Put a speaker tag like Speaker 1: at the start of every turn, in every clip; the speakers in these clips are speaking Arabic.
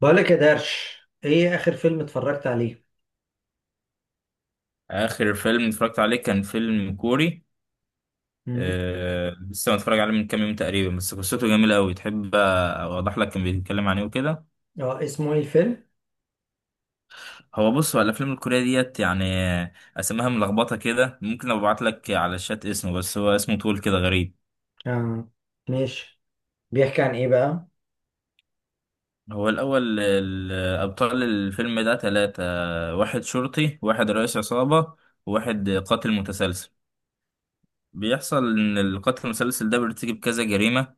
Speaker 1: بقولك يا درش، ايه اخر فيلم اتفرجت عليه؟
Speaker 2: آخر فيلم اتفرجت عليه كان فيلم كوري.
Speaker 1: مم.
Speaker 2: لسه متفرج عليه من كام يوم تقريبا، بس قصته جميلة أوي. تحب أوضح لك كان بيتكلم عن إيه وكده؟
Speaker 1: اه، اسمه ايه الفيلم؟
Speaker 2: هو بص، هو الأفلام الكورية ديت يعني أسماها ملخبطة كده. ممكن أبعت لك على الشات اسمه، بس هو اسمه طول كده غريب.
Speaker 1: اه، ماشي. بيحكي عن ايه بقى؟
Speaker 2: هو الأول أبطال الفيلم ده تلاتة. واحد شرطي، واحد رئيس عصابة، وواحد قاتل متسلسل. بيحصل إن القاتل المتسلسل ده بيرتكب كذا جريمة.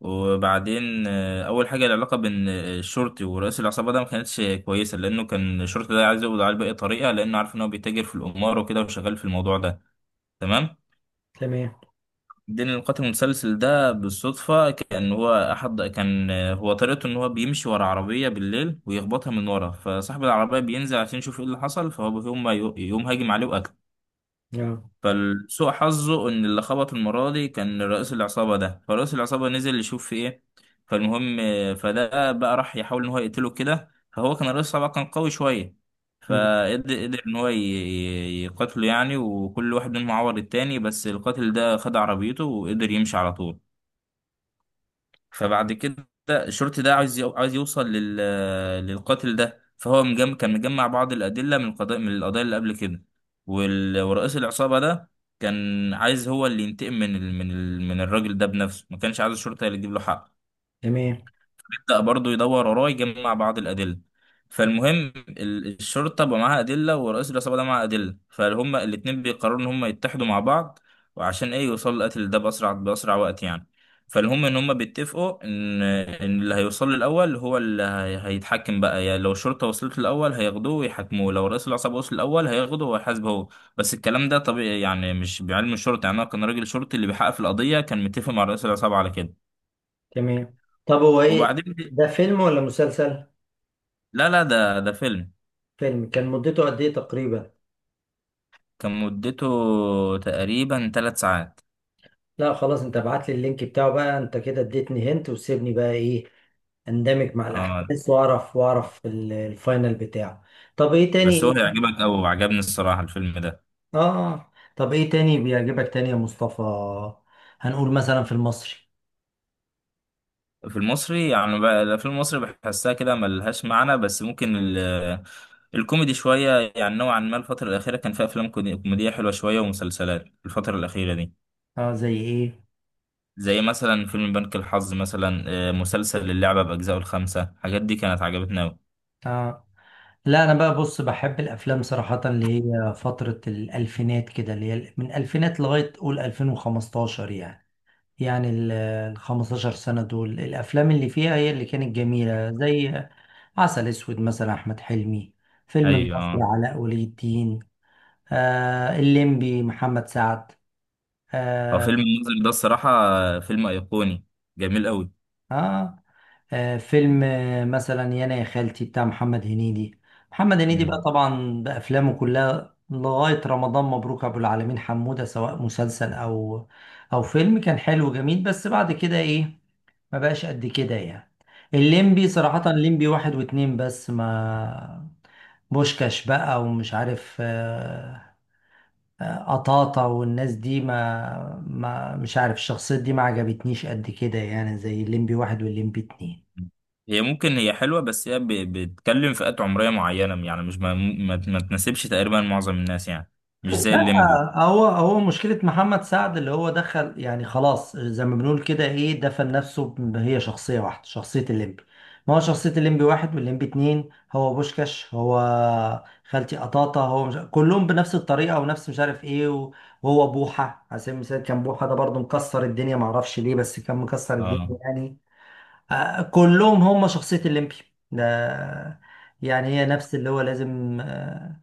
Speaker 2: وبعدين اول حاجه العلاقه بين الشرطي ورئيس العصابه ده ما كانتش كويسه، لانه كان الشرطي ده عايز يقبض عليه باي طريقه، لانه عارف ان هو بيتاجر في القمار وكده وشغال في الموضوع ده. تمام.
Speaker 1: تمام.
Speaker 2: بعدين القاتل المتسلسل ده بالصدفه كان هو احد كان آه، هو طريقته ان هو بيمشي ورا عربيه بالليل ويخبطها من ورا، فصاحب العربيه بينزل عشان يشوف ايه اللي حصل، فهو يقوم هاجم عليه وقتله.
Speaker 1: اه.
Speaker 2: فالسوء حظه ان اللي خبط المره دي كان رئيس العصابه ده، فرئيس العصابه نزل يشوف في ايه. فالمهم، فده بقى راح يحاول ان هو يقتله كده، فهو كان رئيس العصابه كان قوي شويه.
Speaker 1: مم.
Speaker 2: فقدر ان هو يقتله يعني، وكل واحد منهم عور التاني، بس القاتل ده خد عربيته وقدر يمشي على طول. فبعد كده الشرطي ده عايز يوصل للقاتل ده، فهو كان مجمع بعض الأدلة من القضايا اللي قبل كده. ورئيس العصابة ده كان عايز هو اللي ينتقم من الراجل ده بنفسه، ما كانش عايز الشرطة اللي تجيب له حق.
Speaker 1: تمام.
Speaker 2: بدأ برضه يدور وراه يجمع بعض الأدلة. فالمهم الشرطة بقى معاها أدلة، ورئيس العصابة ده معاه أدلة، فهم الاتنين بيقرروا إن هم يتحدوا مع بعض، وعشان إيه يوصلوا للقتل ده بأسرع وقت يعني. فالهم إن هم بيتفقوا إن اللي هيوصل له الأول هو اللي هيتحكم بقى يعني. لو الشرطة وصلت له الأول هياخدوه ويحاكموه، لو رئيس العصابة وصل الأول هياخده وهيحاسبه هو. بس الكلام ده طبيعي يعني، مش بعلم الشرطة يعني. أنا كان راجل شرطي اللي بيحقق في القضية كان متفق مع رئيس العصابة على كده.
Speaker 1: تمام، طب هو ايه،
Speaker 2: وبعدين.
Speaker 1: ده فيلم ولا مسلسل؟
Speaker 2: لا، لا، ده فيلم.
Speaker 1: فيلم، كان مدته قد ايه تقريبا؟
Speaker 2: كان مدته تقريبا 3 ساعات.
Speaker 1: لا خلاص، انت ابعت لي اللينك بتاعه بقى، انت كده اديتني هنت وسيبني بقى ايه، اندمج مع
Speaker 2: اه،
Speaker 1: الاحداث واعرف واعرف الفاينل بتاعه. طب ايه
Speaker 2: بس هو
Speaker 1: تاني؟
Speaker 2: هيعجبك أوي وعجبني الصراحة الفيلم ده.
Speaker 1: اه. اه. طب ايه تاني بيعجبك تاني يا مصطفى؟ هنقول مثلا في المصري.
Speaker 2: في المصري يعني بقى الأفلام المصري بحسها كده ملهاش معنى، بس ممكن الكوميدي شوية يعني. نوعا ما الفترة الأخيرة كان فيها أفلام كوميدية حلوة شوية، ومسلسلات الفترة الأخيرة دي.
Speaker 1: اه، زي ايه؟
Speaker 2: زي مثلا فيلم بنك الحظ مثلا، مسلسل اللعبة بأجزائه الخمسة. الحاجات دي كانت عجبتنا أوي.
Speaker 1: اه، لا انا بقى بص، بحب الافلام صراحة اللي هي فترة الالفينات كده، اللي هي من الالفينات لغاية قول 2015 يعني. يعني ال 15 سنة دول الافلام اللي فيها هي اللي كانت جميلة، زي عسل اسود مثلا احمد حلمي، فيلم
Speaker 2: أيوة،
Speaker 1: النصر
Speaker 2: اه.
Speaker 1: علاء ولي الدين، آه الليمبي محمد سعد،
Speaker 2: هو
Speaker 1: اه،
Speaker 2: فيلم الناظر ده الصراحة فيلم أيقوني جميل
Speaker 1: آه، فيلم مثلا يانا يا خالتي بتاع محمد هنيدي. محمد هنيدي بقى
Speaker 2: أوي.
Speaker 1: طبعا بأفلامه كلها لغاية رمضان مبروك أبو العالمين حمودة، سواء مسلسل أو أو فيلم، كان حلو وجميل، بس بعد كده إيه، ما بقاش قد كده يعني. الليمبي صراحة، الليمبي واحد واتنين، بس ما بوشكاش بقى ومش عارف قطاطة والناس دي ما مش عارف، الشخصيات دي ما عجبتنيش قد كده يعني، زي الليمبي واحد والليمبي اتنين.
Speaker 2: هي ممكن هي حلوة، بس هي بتتكلم فئات عمرية معينة يعني، مش ما تناسبش تقريبا معظم الناس يعني، مش زي
Speaker 1: لا
Speaker 2: الليمبو.
Speaker 1: هو، هو مشكلة محمد سعد اللي هو دخل يعني خلاص زي ما بنقول كده ايه، دفن نفسه هي شخصية واحدة، شخصية الليمبي. ما هو شخصية الليمبي واحد والليمبي اتنين، هو بوشكاش، هو خالتي قطاطة، هو مش... كلهم بنفس الطريقة ونفس مش عارف ايه وهو بوحة على سبيل المثال، كان بوحة ده برضه مكسر الدنيا، معرفش ليه، بس كان مكسر
Speaker 2: اه.
Speaker 1: الدنيا يعني. كلهم هم شخصية الليمبي ده، يعني هي نفس اللي هو لازم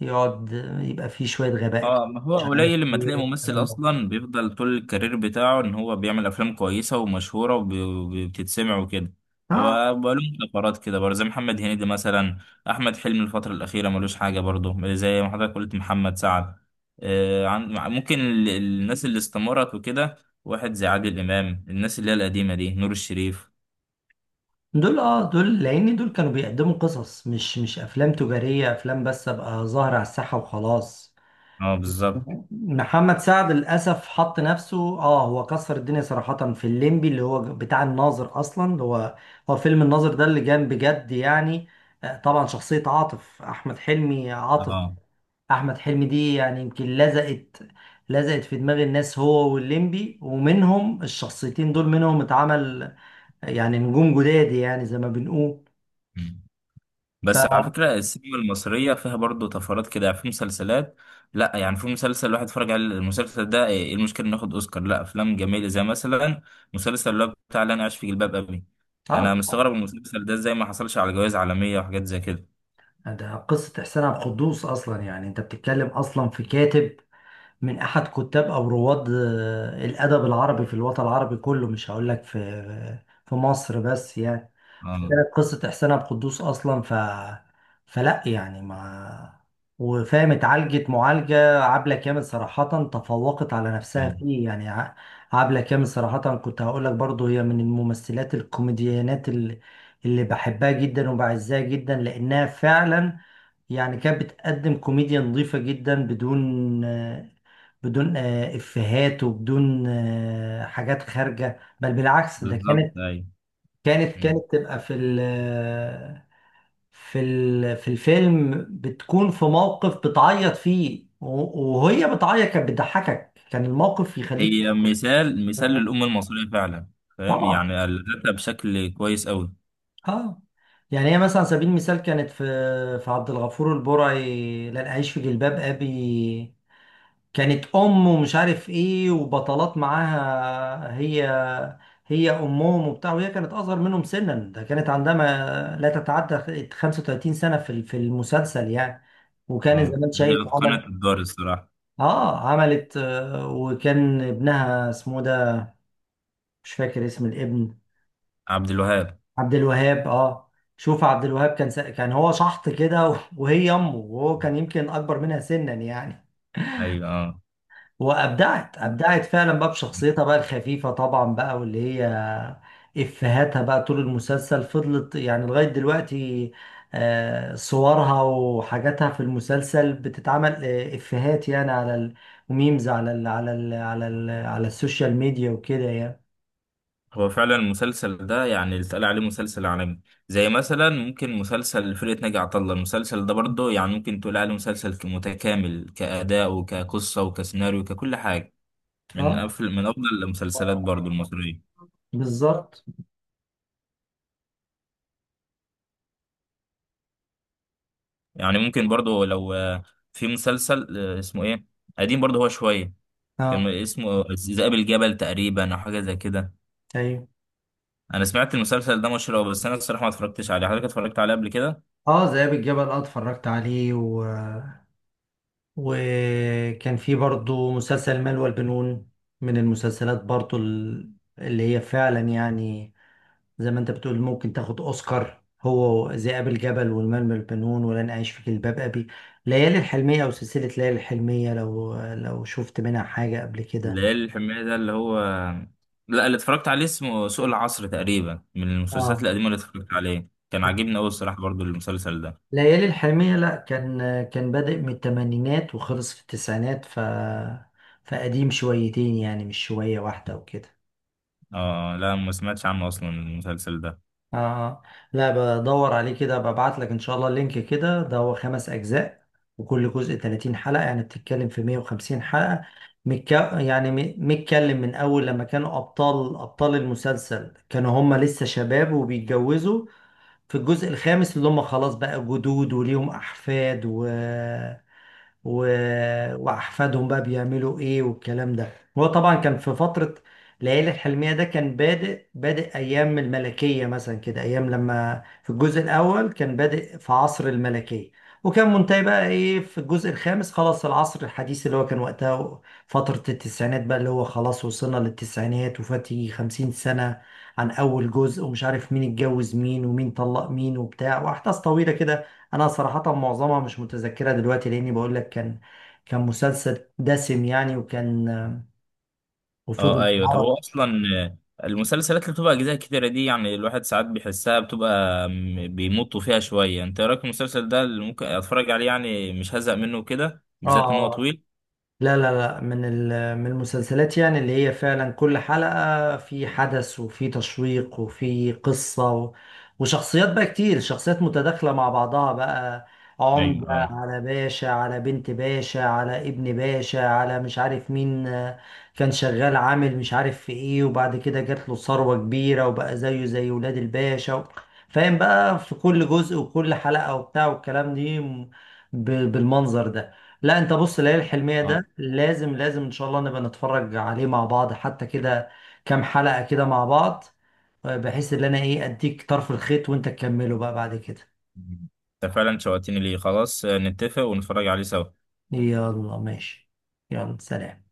Speaker 1: يقعد يبقى فيه شوية غباء
Speaker 2: اه، ما
Speaker 1: كده
Speaker 2: هو
Speaker 1: مش عارف ايه
Speaker 2: قليل لما تلاقي ممثل
Speaker 1: والكلام ده.
Speaker 2: اصلا بيفضل طول الكارير بتاعه ان هو بيعمل افلام كويسه ومشهوره وبتتسمع وكده.
Speaker 1: اه
Speaker 2: وبقاله فترات كده برضه زي محمد هنيدي مثلا. احمد حلمي الفتره الاخيره ملوش حاجه برضه، زي ما حضرتك قلت محمد سعد. ممكن الناس اللي استمرت وكده. واحد زي عادل امام، الناس اللي هي القديمه دي، نور الشريف.
Speaker 1: دول، اه دول لان دول كانوا بيقدموا قصص، مش افلام تجارية، افلام بس ابقى ظاهر على الساحة وخلاص.
Speaker 2: اه، بالظبط.
Speaker 1: محمد سعد للاسف حط نفسه اه، هو كسر الدنيا صراحة في الليمبي اللي هو بتاع الناظر اصلا، اللي هو، هو فيلم الناظر ده اللي جان بجد يعني. طبعا شخصية عاطف احمد حلمي، عاطف
Speaker 2: اه،
Speaker 1: احمد حلمي دي يعني يمكن لزقت، لزقت في دماغ الناس هو والليمبي، ومنهم الشخصيتين دول منهم اتعمل يعني نجوم جداد، يعني زي ما بنقول. ف
Speaker 2: بس على فكرة السينما المصرية فيها برضه طفرات كده يعني في مسلسلات. لا يعني، في مسلسل الواحد اتفرج على المسلسل ده ايه، إيه المشكلة انه ياخد اوسكار؟ لا، افلام جميلة زي مثلا مسلسل اللي هو بتاع اللي انا عايش في جلباب ابي.
Speaker 1: اه
Speaker 2: انا
Speaker 1: طبعا.
Speaker 2: مستغرب من المسلسل ده ازاي ما حصلش على جوائز عالمية وحاجات زي كده.
Speaker 1: ده قصة إحسان عبد القدوس أصلا، يعني أنت بتتكلم أصلا في كاتب من أحد كتاب أو رواد الأدب العربي في الوطن العربي كله، مش هقول لك في في مصر بس يعني.
Speaker 2: اه،
Speaker 1: فكانت قصة إحسان عبد القدوس أصلا، ف فلا يعني ما، وفاهم، اتعالجت معالجة عبلة كامل صراحة تفوقت على نفسها
Speaker 2: ايوه،
Speaker 1: فيه يعني. عبلة كامل صراحة كنت هقول لك برضو، هي من الممثلات الكوميديانات اللي، اللي بحبها جدا وبعزها جدا لأنها فعلا يعني كانت بتقدم كوميديا نظيفة جدا بدون بدون إفيهات وبدون حاجات خارجة، بل بالعكس ده كانت،
Speaker 2: بالظبط، ايوه.
Speaker 1: كانت
Speaker 2: مم.
Speaker 1: كانت تبقى في ال في ال في الفيلم بتكون في موقف بتعيط فيه وهي بتعيط كانت بتضحكك، كان الموقف يخليك
Speaker 2: هي مثال مثال للأمة المصرية فعلا. فاهم
Speaker 1: طبعا.
Speaker 2: يعني، قالتها بشكل كويس قوي.
Speaker 1: اه. يعني هي مثلا على سبيل المثال كانت في، في عبد الغفور البرعي لن أعيش في جلباب أبي، كانت ام ومش عارف ايه وبطلات معاها، هي هي امهم وبتاع، وهي كانت اصغر منهم سنا، ده كانت عندها ما لا تتعدى 35 سنه في المسلسل يعني، وكان زي
Speaker 2: اه،
Speaker 1: ما انت
Speaker 2: هي
Speaker 1: شايف، عمل.
Speaker 2: اتقنت الدور الصراحة.
Speaker 1: اه عملت وكان ابنها اسمه ده، مش فاكر اسم الابن.
Speaker 2: عبد الوهاب.
Speaker 1: عبد الوهاب، اه. شوف عبد الوهاب كان كان هو شحط كده وهي امه، وهو كان يمكن اكبر منها سنا يعني.
Speaker 2: ايوه، اه.
Speaker 1: وابدعت، ابدعت فعلا بقى بشخصيتها بقى الخفيفه طبعا بقى، واللي هي افهاتها بقى طول المسلسل فضلت يعني لغايه دلوقتي. صورها وحاجاتها في المسلسل بتتعمل افهات يعني وميمز على على السوشيال ميديا وكده يعني.
Speaker 2: هو فعلا المسلسل ده يعني اللي اتقال عليه مسلسل عالمي. زي مثلا ممكن مسلسل فرقة ناجي عطا الله، المسلسل ده برضه يعني ممكن تقول عليه مسلسل متكامل كأداء وكقصة وكسيناريو ككل حاجة.
Speaker 1: اه
Speaker 2: من أفضل المسلسلات برضه المصرية.
Speaker 1: بالظبط.
Speaker 2: يعني ممكن برضه لو في مسلسل اسمه إيه، قديم برضه هو شوية. كان
Speaker 1: اه
Speaker 2: اسمه ذئاب الجبل تقريبا، أو حاجة زي كده.
Speaker 1: ايوه.
Speaker 2: أنا سمعت المسلسل ده مشهور أوي، بس أنا الصراحة ما اتفرجتش عليه. حضرتك اتفرجت عليه قبل كده؟
Speaker 1: اه ذئاب الجبل، اه اتفرجت عليه. وكان في برضو مسلسل المال والبنون، من المسلسلات برضو اللي هي فعلا يعني زي ما انت بتقول ممكن تاخد اوسكار، هو ذئاب الجبل والمال والبنون ولن اعيش في جلباب ابي. ليالي الحلمية او سلسلة ليالي الحلمية، لو شفت منها حاجة قبل
Speaker 2: ده
Speaker 1: كده.
Speaker 2: إيه الحمية ده اللي هو؟ لا، اللي اتفرجت عليه اسمه سوق العصر تقريبا. من المسلسلات
Speaker 1: اه
Speaker 2: القديمة اللي اتفرجت عليه، كان عاجبني أوي الصراحة برضو المسلسل ده.
Speaker 1: ليالي الحلمية، لا كان، كان بادئ من الثمانينات وخلص في التسعينات، ف فقديم شويتين يعني، مش شوية واحدة وكده.
Speaker 2: اه، لا، ما سمعتش عنه أصلا المسلسل ده.
Speaker 1: اه آه. لا، بدور عليه كده، ببعت لك ان شاء الله اللينك كده. ده هو خمس اجزاء، وكل جزء 30 حلقة، يعني بتتكلم في 150 حلقة. متك... يعني متكلم من اول لما كانوا ابطال المسلسل كانوا هم لسه شباب وبيتجوزوا، في الجزء الخامس اللي هم خلاص بقى جدود وليهم احفاد و... واحفادهم بقى بيعملوا ايه والكلام ده. هو طبعا كان في فتره، ليالي الحلميه ده كان بادئ ايام الملكيه مثلا كده، ايام لما في الجزء الاول كان بادئ في عصر الملكيه، وكان منتهي بقى ايه في الجزء الخامس خلاص العصر الحديث اللي هو كان وقتها فترة التسعينات بقى، اللي هو خلاص وصلنا للتسعينات، وفات يجي 50 سنة عن أول جزء. ومش عارف مين اتجوز مين ومين طلق مين وبتاع، وأحداث طويلة كده. انا صراحة معظمها مش متذكرة دلوقتي، لاني بقول لك كان، كان مسلسل دسم يعني، وكان وفضل
Speaker 2: اه، أيوه. طب
Speaker 1: يتعرض.
Speaker 2: هو أصلا المسلسلات اللي بتبقى أجزاء كتيرة دي يعني، الواحد ساعات بيحسها بتبقى بيمطوا فيها شوية. أنت إيه رأيك في المسلسل ده اللي ممكن أتفرج عليه، يعني مش هزهق منه كده بالذات إن هو
Speaker 1: اه.
Speaker 2: طويل؟
Speaker 1: لا من من المسلسلات يعني اللي هي فعلا كل حلقة في حدث وفي تشويق وفي قصة وشخصيات بقى كتير، شخصيات متداخلة مع بعضها بقى، عمدة
Speaker 2: أيوه، اه،
Speaker 1: على باشا على بنت باشا على ابن باشا على مش عارف مين. كان شغال عامل مش عارف في ايه، وبعد كده جات له ثروة كبيرة وبقى زيه زي ولاد الباشا و... فاهم بقى في كل جزء وكل حلقة وبتاع والكلام دي، بالمنظر ده. لا انت بص، ليالي الحلمية
Speaker 2: اه.
Speaker 1: ده لازم ان شاء الله نبقى نتفرج عليه مع بعض حتى كده، كام حلقة كده مع بعض، بحيث ان انا ايه اديك طرف الخيط وانت تكمله بقى بعد كده.
Speaker 2: أنت فعلا شوقتني ليه، خلاص نتفق ونتفرج عليه سوا.
Speaker 1: يلا ماشي، يلا سلام.